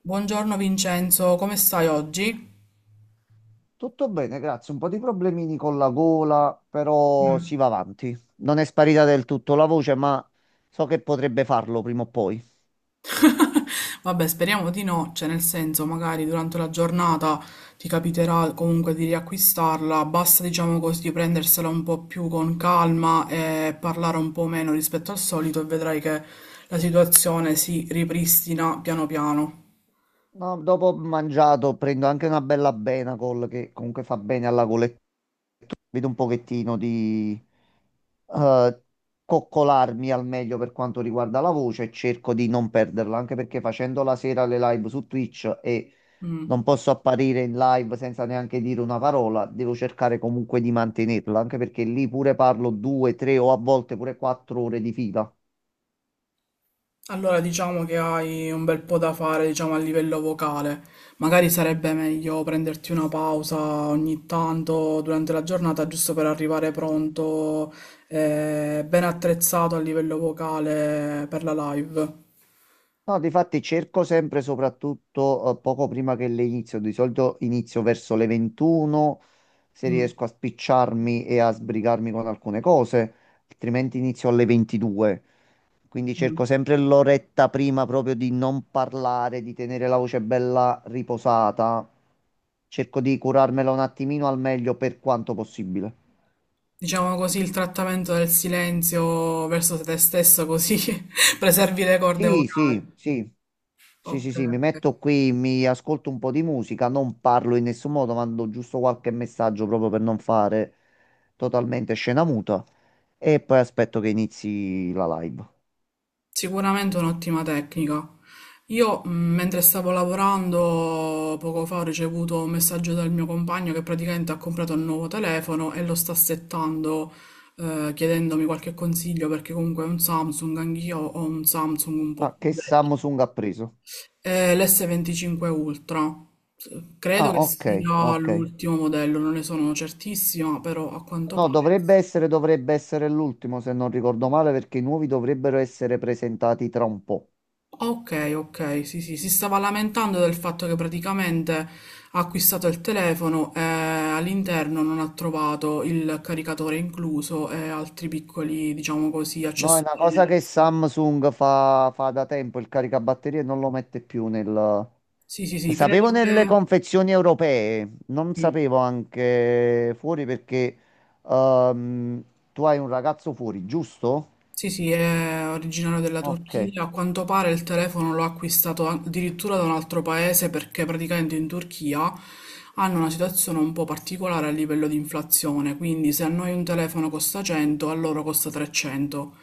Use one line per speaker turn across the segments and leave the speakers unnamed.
Buongiorno Vincenzo, come stai oggi?
Tutto bene, grazie. Un po' di problemini con la gola, però si va avanti. Non è sparita del tutto la voce, ma so che potrebbe farlo prima o poi.
Vabbè, speriamo di no, cioè nel senso, magari durante la giornata ti capiterà comunque di riacquistarla, basta diciamo così prendersela un po' più con calma e parlare un po' meno rispetto al solito e vedrai che la situazione si ripristina piano piano.
No, dopo ho mangiato prendo anche una bella Benacol che comunque fa bene alla gola. E vedo un pochettino di eh, coccolarmi al meglio per quanto riguarda la voce e cerco di non perderla, anche perché facendo la sera le live su Twitch e
Mm.
non posso apparire in live senza neanche dire una parola, devo cercare comunque di mantenerla, anche perché lì pure parlo due, tre o a volte pure quattro ore di fila.
Allora diciamo che hai un bel po' da fare, diciamo, a livello vocale. Magari sarebbe meglio prenderti una pausa ogni tanto durante la giornata, giusto per arrivare pronto, ben attrezzato a livello vocale per la live.
No, difatti cerco sempre, soprattutto poco prima che le inizio, di solito inizio verso le 21, se
Mm,
riesco a spicciarmi e a sbrigarmi con alcune cose, altrimenti inizio alle 22. Quindi cerco
mm.
sempre l'oretta prima proprio di non parlare, di tenere la voce bella riposata. Cerco di curarmela un attimino al meglio per quanto possibile.
Diciamo così, il trattamento del silenzio verso te stesso, così preservi le corde
Sì,
vocali.
sì, sì. Sì,
Ok,
sì, sì, mi
ok.
metto qui, mi ascolto un po' di musica, non parlo in nessun modo, mando giusto qualche messaggio proprio per non fare totalmente scena muta e poi aspetto che inizi la live.
Sicuramente è un'ottima tecnica. Io, mentre stavo lavorando, poco fa ho ricevuto un messaggio dal mio compagno che praticamente ha comprato un nuovo telefono e lo sta settando, chiedendomi qualche consiglio perché comunque è un Samsung, anch'io ho un Samsung un po'
Ah,
più
che
vecchio.
Samsung ha preso?
È l'S25 Ultra. Credo
Ah,
che
ok,
sia
ok.
l'ultimo modello, non ne sono certissima, però a quanto
No,
pare sì.
dovrebbe essere l'ultimo, se non ricordo male, perché i nuovi dovrebbero essere presentati tra un po'.
Ok, ok, sì, sì, si stava lamentando del fatto che praticamente ha acquistato il telefono e all'interno non ha trovato il caricatore incluso e altri piccoli, diciamo così,
No, è una
accessori di
cosa che
resto.
Samsung fa, fa da tempo, il caricabatterie non lo mette più nel…
Sì, sì, sì,
Sapevo
credo
nelle
che...
confezioni europee, non
Mm.
sapevo anche fuori perché ehm, tu hai un ragazzo fuori, giusto?
Sì, sì, è originario della
Ok,
Turchia. A quanto pare il telefono l'ho acquistato addirittura da un altro paese perché praticamente in Turchia hanno una situazione un po' particolare a livello di inflazione, quindi se a noi un telefono costa 100, a loro costa 300,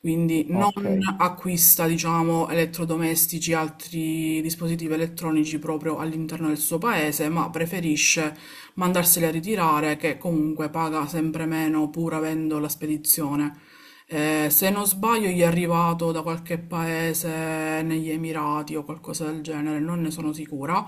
quindi
ok.
non acquista, diciamo, elettrodomestici e altri dispositivi elettronici proprio all'interno del suo paese, ma preferisce mandarseli a ritirare, che comunque paga sempre meno pur avendo la spedizione. Se non sbaglio, gli è arrivato da qualche paese negli Emirati o qualcosa del genere, non ne sono sicura,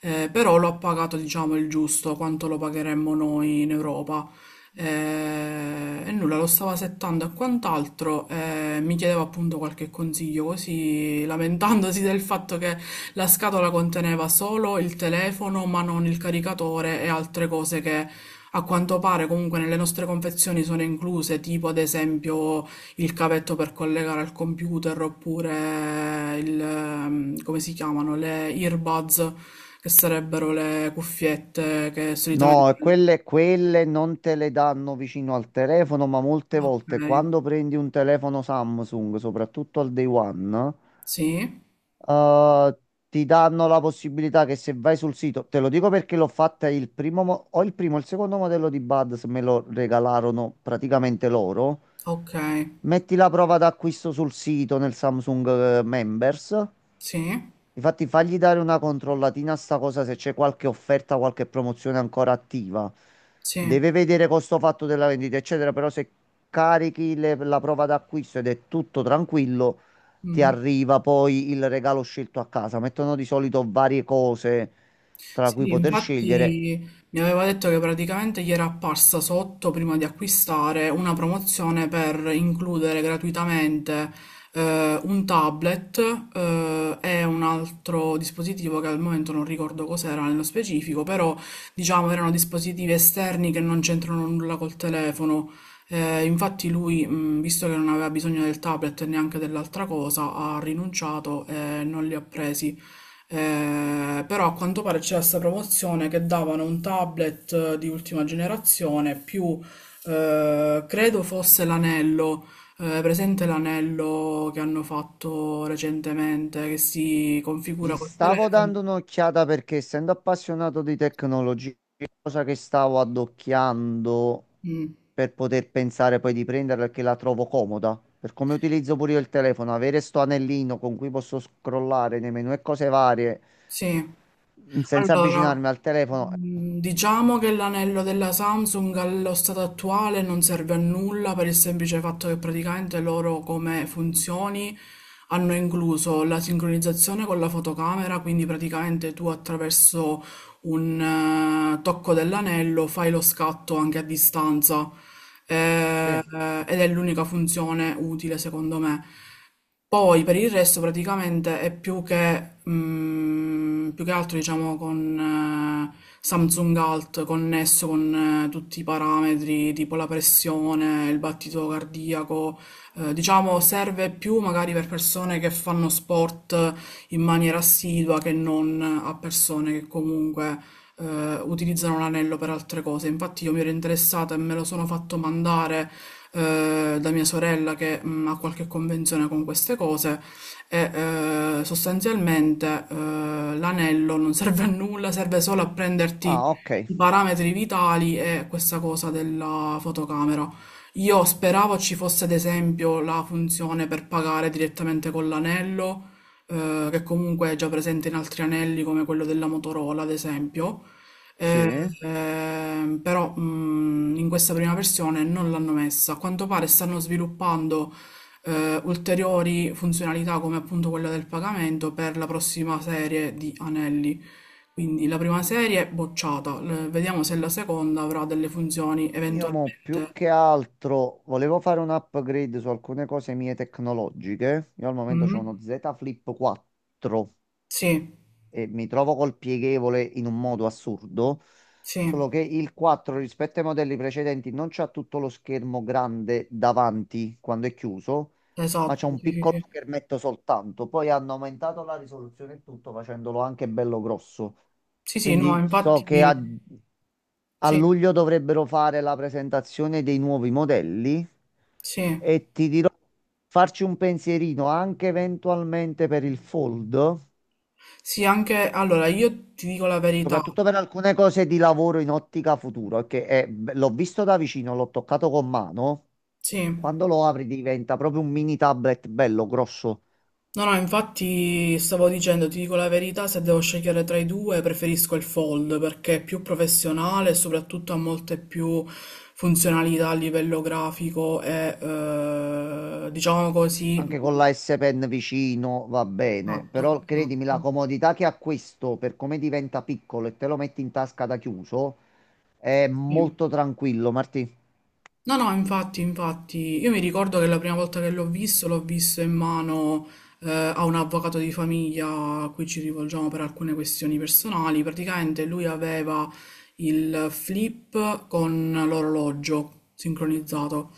però lo ha pagato, diciamo, il giusto, quanto lo pagheremmo noi in Europa. E nulla, lo stavo settando e quant'altro, mi chiedeva appunto qualche consiglio, così lamentandosi del fatto che la scatola conteneva solo il telefono, ma non il caricatore e altre cose che a quanto pare comunque nelle nostre confezioni sono incluse, tipo ad esempio il cavetto per collegare al computer oppure il, come si chiamano, le earbuds, che sarebbero le cuffiette che solitamente...
No, quelle, quelle non te le danno vicino al telefono, ma molte
Ok.
volte quando prendi un telefono Samsung, soprattutto al day one,
Sì,
eh, ti danno la possibilità che se vai sul sito, te lo dico perché l'ho fatta il primo, o il primo, o il secondo modello di Buds me lo regalarono praticamente loro.
okay.
Metti la prova d'acquisto sul sito nel Samsung Members.
Sì,
Infatti, fagli dare una controllatina a sta cosa se c'è qualche offerta, qualche promozione ancora attiva.
sì.
Deve vedere costo fatto della vendita, eccetera. Però se carichi la prova d'acquisto ed è tutto tranquillo, ti
Mh-mh.
arriva poi il regalo scelto a casa. Mettono di solito varie cose tra cui
Sì,
poter scegliere.
infatti mi aveva detto che praticamente gli era apparsa sotto prima di acquistare una promozione per includere gratuitamente un tablet e un altro dispositivo che al momento non ricordo cos'era nello specifico, però diciamo erano dispositivi esterni che non c'entrano nulla col telefono. Infatti lui, visto che non aveva bisogno del tablet e neanche dell'altra cosa, ha rinunciato e non li ha presi. Però a quanto pare c'era questa promozione che davano un tablet di ultima generazione più credo fosse l'anello, presente l'anello che hanno fatto recentemente che si configura
Gli
col
stavo
telefono.
dando un'occhiata perché essendo appassionato di tecnologia, cosa che stavo addocchiando
Mm,
per poter pensare poi di prenderla perché la trovo comoda. Per come utilizzo pure io il telefono, avere sto anellino con cui posso scrollare nei menu e cose varie
sì.
senza
Allora,
avvicinarmi al telefono.
diciamo che l'anello della Samsung allo stato attuale non serve a nulla per il semplice fatto che praticamente loro come funzioni hanno incluso la sincronizzazione con la fotocamera, quindi praticamente tu attraverso un tocco dell'anello fai lo scatto anche a distanza, eh,
Sì.
ed è l'unica funzione utile secondo me. Poi per il resto praticamente è più che, più che altro diciamo con Samsung Alt connesso con tutti i parametri tipo la pressione, il battito cardiaco, diciamo serve più magari per persone che fanno sport in maniera assidua che non a persone che comunque utilizzano l'anello per altre cose. Infatti io mi ero interessata e me lo sono fatto mandare da mia sorella che ha qualche convenzione con queste cose e sostanzialmente l'anello non serve a nulla, serve solo a prenderti
Ah, ok.
i parametri vitali e questa cosa della fotocamera. Io speravo ci fosse ad esempio la funzione per pagare direttamente con l'anello, che comunque è già presente in altri anelli come quello della Motorola, ad esempio, eh,
Sì.
però in questa prima versione non l'hanno messa. A quanto pare stanno sviluppando ulteriori funzionalità come appunto quella del pagamento per la prossima serie di anelli. Quindi la prima serie è bocciata, vediamo se la seconda avrà delle funzioni
Io
eventualmente.
mo più che altro volevo fare un upgrade su alcune cose mie tecnologiche. Io al momento ho
Mm?
uno Z Flip 4
Sì,
e mi trovo col pieghevole in un modo assurdo.
sì,
Solo che il 4 rispetto ai modelli precedenti non c'ha tutto lo schermo grande davanti quando è chiuso, ma c'è
esatto,
un
sì, sì,
piccolo
sì.
schermetto soltanto. Poi hanno aumentato la risoluzione e tutto facendolo anche bello grosso.
Sì, sì, no,
Quindi so
infatti,
che a
sì,
luglio dovrebbero fare la presentazione dei nuovi modelli
sì.
e ti dirò farci un pensierino anche eventualmente per il Fold,
Sì, anche, allora, io ti dico la verità,
soprattutto per alcune cose di lavoro in ottica futuro, l'ho visto da vicino, l'ho toccato con mano.
sì.
Quando lo apri diventa proprio un mini tablet bello grosso.
No, no, infatti stavo dicendo, ti dico la verità, se devo scegliere tra i due preferisco il Fold perché è più professionale e soprattutto ha molte più funzionalità a livello grafico e diciamo così.
Anche con la S Pen vicino va bene,
Esatto,
però credimi,
esatto.
la comodità che ha questo per come diventa piccolo e te lo metti in tasca da chiuso è
Sì.
molto tranquillo, Martì.
No, no, infatti, infatti, io mi ricordo che la prima volta che l'ho visto in mano a un avvocato di famiglia a cui ci rivolgiamo per alcune questioni personali. Praticamente lui aveva il flip con l'orologio sincronizzato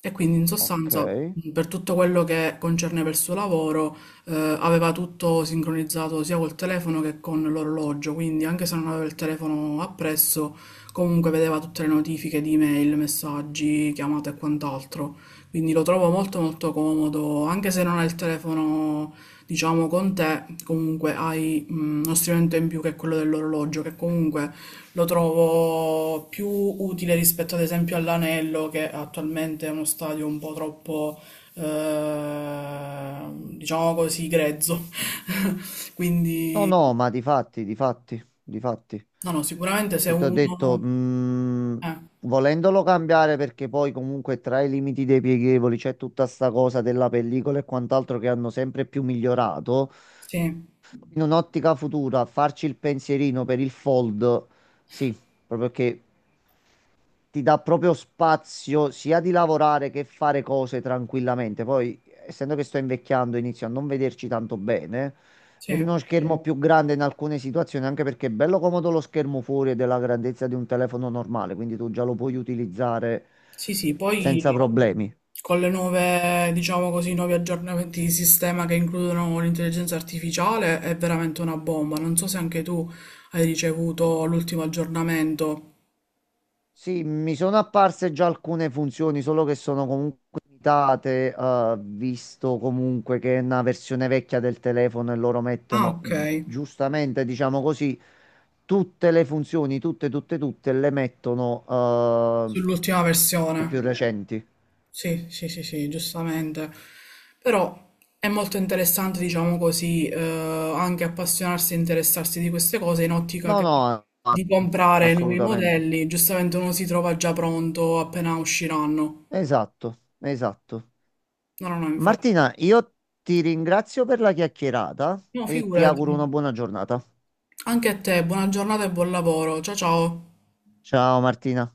e quindi in
Ok.
sostanza per tutto quello che concerneva il suo lavoro aveva tutto sincronizzato sia col telefono che con l'orologio, quindi anche se non aveva il telefono appresso comunque vedeva tutte le notifiche di email, messaggi, chiamate e quant'altro. Quindi lo trovo molto molto comodo, anche se non hai il telefono, diciamo, con te, comunque hai uno strumento in più che è quello dell'orologio, che comunque lo trovo più utile rispetto ad esempio all'anello, che attualmente è uno stadio un po' troppo, eh, diciamo così, grezzo.
No,
Quindi,
no, ma di fatti, di fatti, di fatti.
no, no, sicuramente se
E ti ho detto,
uno... Eh,
volendolo cambiare perché poi comunque tra i limiti dei pieghevoli c'è tutta sta cosa della pellicola e quant'altro che hanno sempre più migliorato.
sì,
In un'ottica futura, farci il pensierino per il fold, sì, proprio che ti dà proprio spazio sia di lavorare che fare cose tranquillamente. Poi, essendo che sto invecchiando, inizio a non vederci tanto bene. Vedo
sì.
uno schermo. Sì. Più grande in alcune situazioni, anche perché è bello comodo lo schermo fuori è della grandezza di un telefono normale, quindi tu già lo puoi utilizzare
Sì, sì,
senza
poi
problemi.
con le nuove, diciamo così, nuovi aggiornamenti di sistema che includono l'intelligenza artificiale è veramente una bomba. Non so se anche tu hai ricevuto l'ultimo aggiornamento.
Sì, mi sono apparse già alcune funzioni, solo che sono comunque limitate, visto comunque che è una versione vecchia del telefono e loro
Ah,
mettono,
ok,
giustamente, diciamo così, tutte le funzioni, tutte, tutte, tutte, le mettono,
sull'ultima
le
versione.
più recenti.
Sì, sì, sì, sì, giustamente. Però è molto interessante, diciamo così, anche appassionarsi e interessarsi di queste cose in ottica
No,
che-
no,
di comprare nuovi
assolutamente.
modelli. Giustamente uno si trova già pronto appena usciranno.
Esatto, esatto.
No, no, no, infatti.
Martina, io ti ringrazio per la chiacchierata
No,
e ti auguro
figurati.
una buona giornata.
Anche a te, buona giornata e buon lavoro. Ciao ciao.
Ciao Martina.